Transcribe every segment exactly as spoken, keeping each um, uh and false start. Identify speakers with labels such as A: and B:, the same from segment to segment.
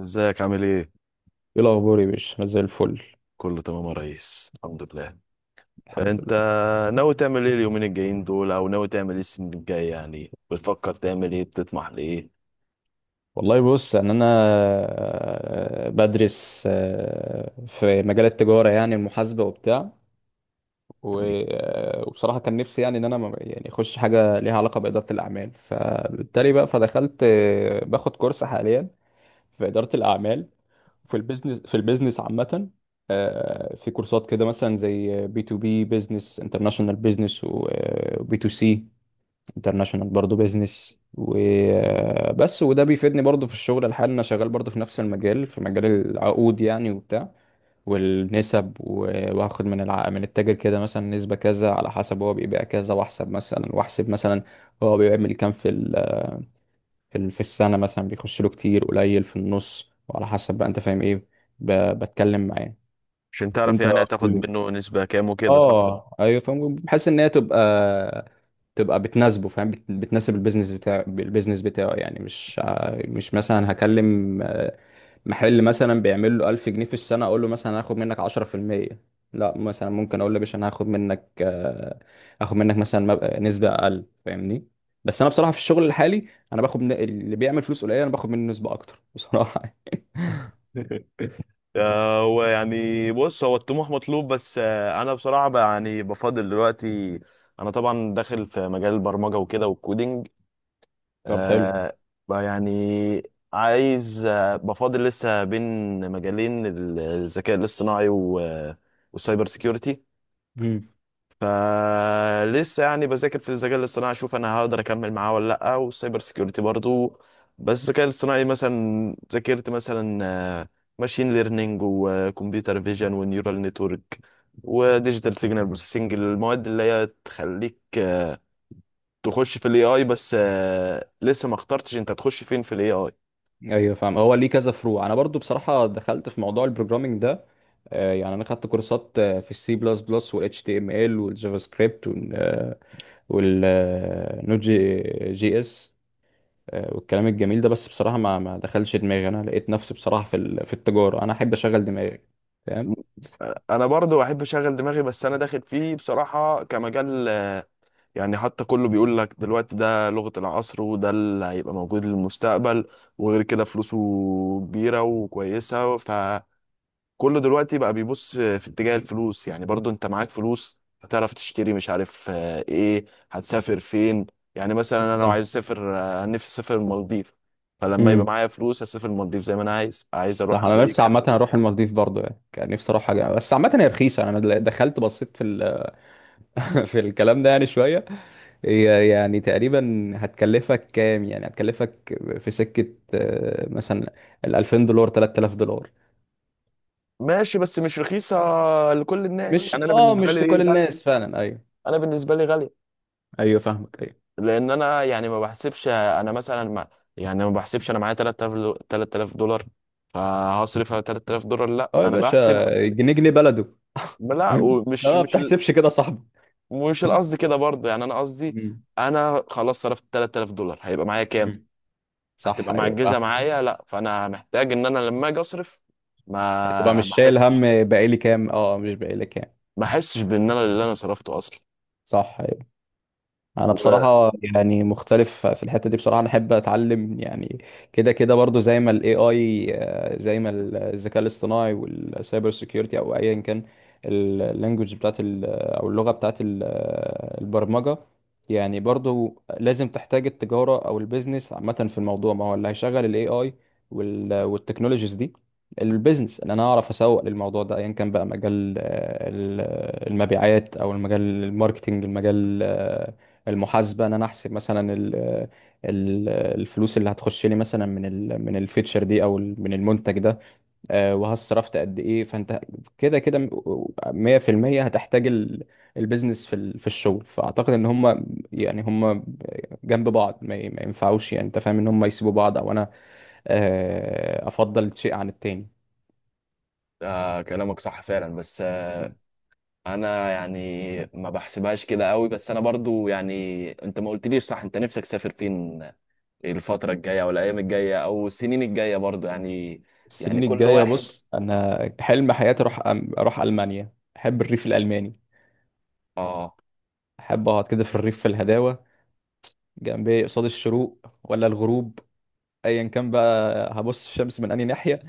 A: ازيك؟ عامل ايه؟
B: ايه الاخبار يا باشا، انا زي الفل.
A: كله تمام يا ريس، الحمد لله.
B: الحمد
A: انت
B: لله.
A: ناوي تعمل ايه اليومين الجايين دول، او ناوي تعمل ايه السنة الجاية؟ يعني بتفكر تعمل ايه، بتطمح لايه؟
B: والله بص، ان انا آه، بدرس آه، في مجال التجاره، يعني المحاسبه وبتاع. و-
A: تمام.
B: آه، وبصراحه كان نفسي يعني ان انا ما- يعني اخش حاجه ليها علاقه باداره الاعمال، فبالتالي بقى فدخلت آه، باخد كورس حاليا في اداره الاعمال. في البيزنس، في البيزنس عامة. آه، في كورسات كده مثلا زي بي تو بي بيزنس، انترناشونال بيزنس، وبي تو سي انترناشونال برضه بيزنس وبس. وده بيفيدني برضه في الشغل الحالي، انا شغال برضه في نفس المجال، في مجال العقود يعني وبتاع، والنسب. و- وهاخد من الع... من التاجر كده مثلا نسبة كذا، على حسب هو بيبيع كذا. واحسب مثلا، واحسب مثلا هو بيعمل كام في ال... في ال- في السنة، مثلا بيخش له كتير قليل في النص، وعلى حسب بقى انت فاهم ايه. ب... بتكلم معاه.
A: عشان تعرف
B: انت
A: يعني
B: قول لي.
A: هتاخد منه نسبة كام وكده، صح؟
B: اه ايوه، فاهم. بحيث ان هي تبقى، تبقى بتناسبه، فاهم، بت- بتناسب البيزنس بتاعه. البيزنس بتاعه يعني مش ع- مش مثلا هكلم آه، محل مثلا بيعمل له ألف جنيه في السنة، اقول له مثلا هاخد منك عشرة في المية. لا مثلا ممكن اقول له يا باشا، انا هاخد منك آه، هاخد منك مثلا مب- نسبة اقل، فاهمني. بس انا بصراحة في الشغل الحالي، انا باخد من اللي بيعمل فلوس قليلة انا باخد منه نسبة اكتر بصراحة.
A: آه، هو يعني بص، هو الطموح مطلوب، بس آه، انا بصراحة بقى يعني بفضل دلوقتي. انا طبعا داخل في مجال البرمجة وكده والكودينج.
B: طب حلو.
A: آه. بقى يعني عايز آه، بفاضل لسه بين مجالين ال- الذكاء الاصطناعي و- والسايبر سيكيورتي. فلسه يعني بذاكر في الذكاء الاصطناعي، اشوف انا هقدر اكمل معاه ولا لا، والسايبر سيكيورتي برضو. بس الذكاء الاصطناعي مثلا ذاكرت مثلا ماشين ليرنينج وكمبيوتر فيجن ونيورال نتورك وديجيتال سيجنال بروسيسنج، المواد اللي هي تخليك آه، تخش في الاي اي، بس آه، لسه ما اخترتش انت تخش فين في الاي اي.
B: ايوه فاهم، هو ليه كذا فروع. انا برضو بصراحه دخلت في موضوع البروجرامنج ده، آه، يعني انا خدت كورسات آه، في السي بلس بلس، والاتش تي ام ال، والجافا سكريبت، والنوت جي جي اس. آه، والكلام الجميل ده. بس بصراحه ما ما دخلش دماغي. انا لقيت نفسي بصراحه في ال- في التجاره، انا احب اشغل دماغي، فاهم.
A: انا برضو احب اشغل دماغي، بس انا داخل فيه بصراحة كمجال، آه، يعني حتى كله بيقول لك دلوقتي ده لغة العصر، وده اللي هيبقى موجود للمستقبل. وغير كده فلوسه كبيرة وكويسة. ف كله دلوقتي بقى بيبص في اتجاه الفلوس. يعني برضو انت معاك فلوس هتعرف تشتري، مش عارف آه، ايه، هتسافر فين. يعني مثلا انا لو
B: صح.
A: عايز اسافر، آه، نفسي اسافر المالديف. فلما
B: امم.
A: يبقى معايا فلوس هسافر المالديف زي ما انا عايز. عايز اروح
B: صح، انا نفسي
A: امريكا.
B: عامه اروح المالديف برضو، يعني كان نفسي اروح حاجه، بس عامه هي رخيصه. انا دخلت بصيت في ال في الكلام ده يعني شوية. هي يعني تقريبا هتكلفك كام؟ يعني هتكلفك في سكة آه، مثلا ال ألفين دولار، تلت تلاف دولار.
A: ماشي، بس مش رخيصة لكل الناس.
B: مش،
A: يعني انا
B: اه
A: بالنسبة
B: مش
A: لي
B: لكل
A: غالية.
B: الناس فعلا، ايوه.
A: انا بالنسبة لي غالية
B: ايوه فاهمك ايوه.
A: لان انا يعني ما بحسبش. انا مثلا ما يعني ما بحسبش انا معايا تلت تلاف دو- تلت تلاف دولار فهصرف على تلت تلاف دولار، لا
B: اه يا
A: انا
B: باشا،
A: بحسب.
B: جنيه جنيه بلده.
A: لا،
B: اه،
A: ومش
B: ما
A: مش
B: بتحسبش كده يا صاحبي.
A: مش القصد كده برضه، يعني انا قصدي
B: مم.
A: انا خلاص صرفت تلت تلاف دولار، هيبقى معايا كام؟
B: مم. صح،
A: هتبقى
B: ايوه
A: معجزه
B: فاهم.
A: معايا. لا، فانا محتاج ان انا لما اجي اصرف
B: تبقى
A: ما
B: مش
A: ما
B: شايل هم
A: احسش
B: بقالي كام، اه مش بقالي كام.
A: ما احسش بان انا اللي انا صرفته اصلا.
B: صح، أيوه. انا
A: و...
B: بصراحه يعني مختلف في الحته دي، بصراحه انا احب اتعلم يعني كده كده برضو. زي ما الاي اي، زي ما الذكاء الاصطناعي والسايبر سيكيورتي، او ايا كان اللانجوج بتاعت ال- او اللغه بتاعت ال- البرمجه. يعني برضو لازم تحتاج التجاره او البيزنس عامه في الموضوع، ما هو اللي هيشغل الاي اي والتكنولوجيز دي البيزنس. ان انا اعرف اسوق للموضوع ده، ايا كان بقى مجال آه، ال- المبيعات، او المجال الماركتينج، المجال المحاسبه، ان انا احسب مثلا ال ال الفلوس اللي هتخش لي مثلا من ال من الفيتشر دي او ال- من المنتج ده. آه، وها صرفت قد ايه. فانت كده كده م- مية في المية هتحتاج ال- البيزنس في ال- في الشغل. فاعتقد ان هم يعني هم جنب بعض ما ي- ما ينفعوش، يعني انت فاهم ان هم يسيبوا بعض، او انا آه، افضل شيء عن التاني.
A: آه، كلامك صح فعلا، بس آه انا يعني ما بحسبهاش كده قوي. بس انا برضو يعني، انت ما قلتليش، صح، انت نفسك تسافر فين الفتره الجايه، او الايام الجايه او السنين الجايه برضو يعني؟
B: السنين
A: يعني كل
B: الجايه
A: واحد.
B: بص، انا حلم حياتي اروح أم- اروح المانيا. احب الريف الالماني،
A: اه.
B: احب اقعد كده في الريف، في الهداوه، جنب ايه، قصاد الشروق ولا الغروب، ايا كان بقى. هبص الشمس من انهي ناحيه،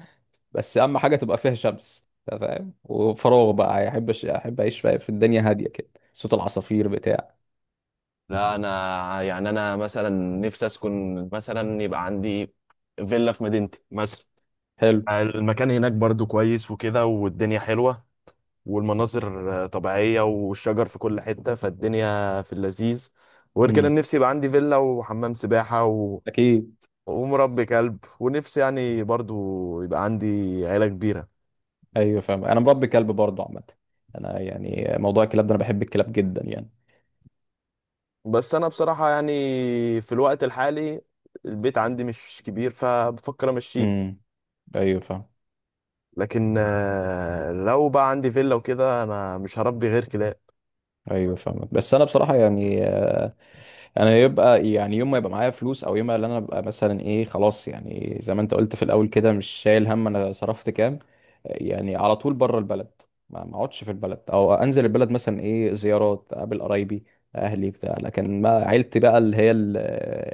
B: بس اهم حاجه تبقى فيها شمس، أنت فاهم، وفراغ بقى. يعني احب أش- احب اعيش في في الدنيا هاديه كده، صوت العصافير بتاع
A: لا انا يعني انا مثلا نفسي اسكن، مثلا يبقى عندي فيلا في مدينتي مثلا.
B: حلو.
A: المكان هناك برضو كويس وكده، والدنيا حلوة، والمناظر آه، طبيعية، والشجر في كل حتة، فالدنيا في اللذيذ. وغير كده
B: امم.
A: نفسي يبقى عندي فيلا وحمام سباحة و...
B: اكيد.
A: ومربي كلب، ونفسي يعني برضو يبقى عندي عيلة كبيرة.
B: ايوه فاهم، انا مربي كلب برضه عامه. انا يعني موضوع الكلاب ده، انا بحب الكلاب جدا يعني.
A: بس أنا بصراحة يعني في الوقت الحالي البيت عندي مش كبير فبفكر أمشيه.
B: امم. ايوه فاهم.
A: لكن آه، لو بقى عندي فيلا وكده انا مش هربي غير كلاب.
B: ايوه فاهمك. بس انا بصراحه يعني، انا يبقى يعني يوم ما يبقى معايا فلوس، او يوم ما اللي انا ابقى مثلا ايه خلاص، يعني زي ما انت قلت في الاول كده مش شايل هم انا صرفت كام، يعني على طول بره البلد. ما ما اقعدش في البلد، او انزل البلد مثلا ايه زيارات، اقابل قرايبي اهلي بتاع لكن ما عيلتي بقى اللي هي ال-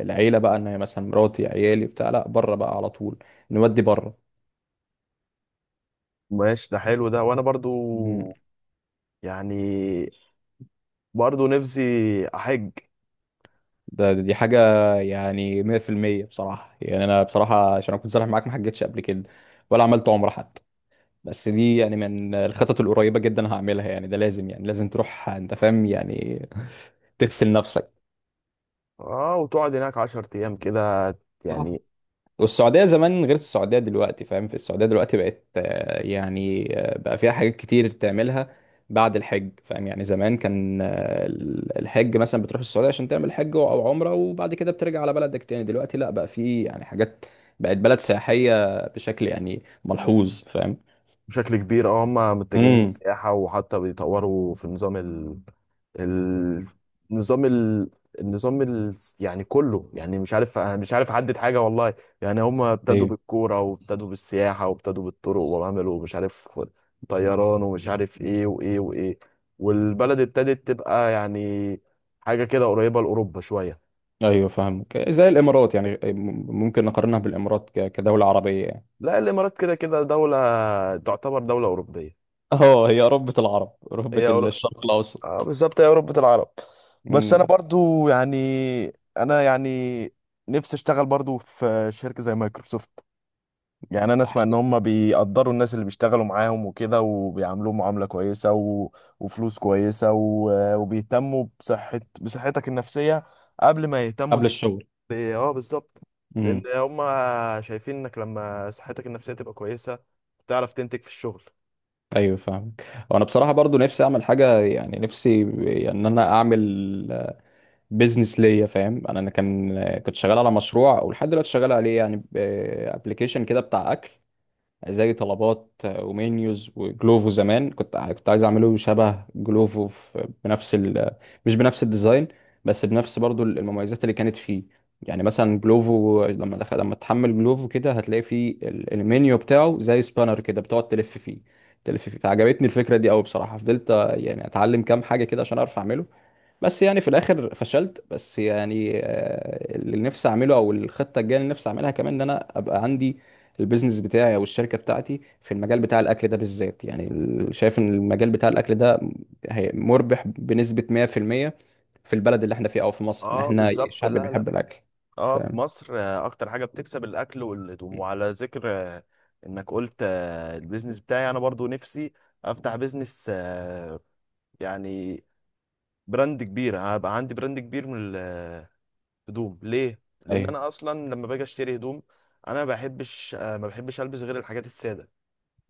B: العيله بقى، ان هي مثلا مراتي عيالي بتاع لا بره بقى على طول، نودي بره.
A: ماشي، ده حلو ده. وانا برضو
B: مم.
A: يعني برضو نفسي احج.
B: ده دي حاجه يعني مية في المية بصراحه. يعني انا بصراحه عشان اكون صريح معاك، ما حجتش قبل كده، ولا عملت عمره حتى. بس دي يعني من الخطط القريبة جدا هعملها، يعني ده لازم، يعني لازم تروح، انت فاهم يعني. تغسل نفسك.
A: اه، وتقعد هناك عشر ايام كده
B: صح.
A: يعني.
B: والسعودية زمان غير السعودية دلوقتي، فاهم. في السعودية دلوقتي بقت آه، يعني آه، بقى فيها حاجات كتير تعملها بعد الحج، فاهم. يعني زمان كان آه، الحج مثلا بتروح السعودية عشان تعمل حج أو عمرة، وبعد كده بترجع على بلدك تاني. دلوقتي لا، بقى في يعني حاجات، بقت بلد سياحية بشكل يعني ملحوظ، فاهم.
A: بشكل كبير، اه، هم متجهين
B: امم.
A: للسياحة، وحتى بيطوروا في نظام ال... ال... نظام ال... النظام ال... يعني كله، يعني مش عارف، انا مش عارف احدد حاجة والله. يعني هم ابتدوا بالكورة، وابتدوا بالسياحة، وابتدوا بالطرق، وعملوا مش عارف طيران، ومش عارف ايه وايه وايه. والبلد ابتدت تبقى يعني حاجة كده قريبة لأوروبا شوية.
B: ايوه فاهمك، زي الامارات يعني. ممكن نقارنها بالامارات ك- كدوله عربيه يعني.
A: لا، الإمارات كده كده دولة، تعتبر دولة أوروبية.
B: اه هي ربة العرب، ربة
A: هي
B: الشرق
A: آه،
B: الاوسط.
A: بالظبط، يا أوروبة العرب. بس أنا
B: امم.
A: برضو يعني، أنا يعني نفسي أشتغل برضو في شركة زي مايكروسوفت. يعني أنا أسمع إن هم بيقدروا الناس اللي بيشتغلوا معاهم وكده، وبيعاملوهم معاملة كويسة و... وفلوس كويسة و... وبيهتموا بصحة بصحتك النفسية قبل ما يهتموا
B: قبل
A: أنت.
B: الشغل.
A: ب- أه، بالظبط. لأن
B: امم.
A: هم شايفين إنك لما صحتك النفسية تبقى كويسة تعرف تنتج في الشغل.
B: ايوه فاهمك. وانا بصراحه برضو نفسي اعمل حاجه، يعني نفسي يعني ان انا اعمل بيزنس ليا، فاهم. انا أنا كان كنت شغال على مشروع، ولحد دلوقتي شغال عليه. يعني ابلكيشن كده بتاع اكل، زي طلبات آه، ومنيوز وجلوفو. زمان كنت كنت عايز اعمله شبه جلوفو في- بنفس ال... مش بنفس الديزاين، بس بنفس برضو المميزات اللي كانت فيه. يعني مثلا جلوفو لما دخل... لما تحمل جلوفو كده، هتلاقي فيه ال- المنيو بتاعه زي سبانر كده، بتقعد تلف فيه تلف فيه. فعجبتني الفكرة دي قوي بصراحة. فضلت آه، يعني اتعلم كام حاجة كده عشان اعرف اعمله، بس يعني في الاخر فشلت. بس يعني آه، اللي نفسي اعمله، او الخطه الجايه اللي نفسي اعملها كمان، ان انا ابقى عندي البيزنس بتاعي او الشركه بتاعتي في المجال بتاع الاكل ده بالذات. يعني ال- شايف ان المجال بتاع الاكل ده هي- مربح بنسبه مية في المية في المية، في البلد اللي احنا فيه او في مصر. ان
A: اه،
B: احنا
A: بالظبط.
B: الشعب
A: لا لا،
B: بيحب الاكل،
A: اه، في
B: فاهم.
A: مصر آه، اكتر حاجه بتكسب الاكل والهدوم. وعلى ذكر آه، انك قلت آه، البيزنس بتاعي، انا برضو نفسي افتح بيزنس، آه، يعني براند كبير، هبقى عندي براند كبير من الهدوم. ليه؟ لان
B: ايوه.
A: انا اصلا لما باجي اشتري هدوم انا ما بحبش، آه، ما بحبش البس غير الحاجات الساده.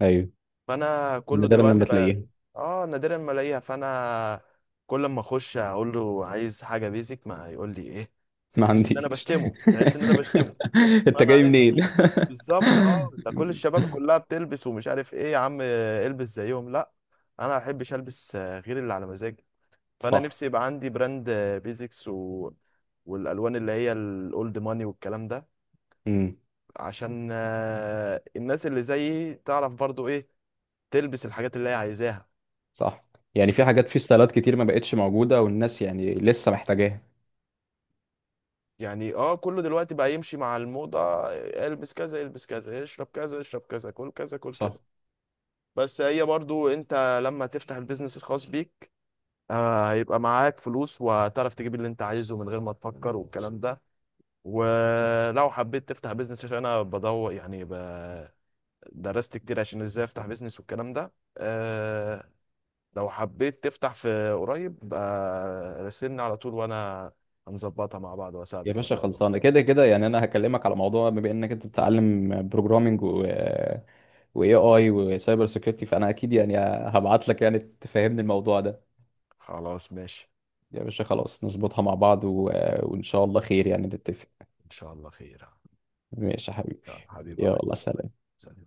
B: ايوه.
A: فانا كله
B: نادرا
A: دلوقتي
B: لما
A: بقى،
B: تلاقيها.
A: اه نادرا ما الاقيها. فانا كل ما اخش اقول له عايز حاجه بيزك، ما يقول لي ايه.
B: ما
A: تحس ان انا
B: عنديش.
A: بشتمه، تحس ان انا بشتمه.
B: انت
A: فانا
B: جاي
A: عايز،
B: منين؟
A: بالظبط. اه، ده كل الشباب كلها بتلبس ومش عارف ايه، يا عم آه، البس زيهم، لا، انا ما احبش البس، آه، غير اللي على مزاجي. فانا
B: صح.
A: نفسي يبقى عندي براند آه، بيزكس و... والالوان اللي هي الاولد ماني والكلام ده،
B: مم.
A: عشان آه، الناس اللي زيي تعرف برضو ايه، تلبس الحاجات اللي هي عايزاها.
B: صح. يعني في حاجات في ستايلات كتير ما بقتش موجودة، والناس يعني لسه محتاجاها.
A: يعني اه كله دلوقتي بقى يمشي مع الموضة، البس كذا البس كذا، اشرب كذا اشرب كذا، كل كذا كل
B: صح.
A: كذا. بس هي برضو انت لما تفتح البيزنس الخاص بيك، آه، هيبقى معاك فلوس وهتعرف تجيب اللي انت عايزه من غير ما تفكر والكلام ده. ولو حبيت تفتح بيزنس، عشان انا بدور يعني ب... درست كتير عشان ازاي افتح بيزنس والكلام ده، أه، لو حبيت تفتح في قريب آه، راسلني على طول، وانا هنظبطها مع بعض
B: يا
A: واساعدك ان
B: باشا
A: شاء الله.
B: خلصانة، كده كده يعني. أنا هكلمك على موضوع، بما إنك أنت بتتعلم بروجرامينج و وإي آي وسايبر سيكيورتي، فأنا أكيد يعني هبعت لك يعني تفهمني الموضوع ده.
A: خلاص، ماشي.
B: يا باشا خلاص، نظبطها مع بعض و... وإن شاء الله خير، يعني نتفق.
A: ان شاء الله خير.
B: ماشي يا حبيبي.
A: يلا حبيبي يا
B: يلا
A: ريس.
B: سلام.
A: سلام.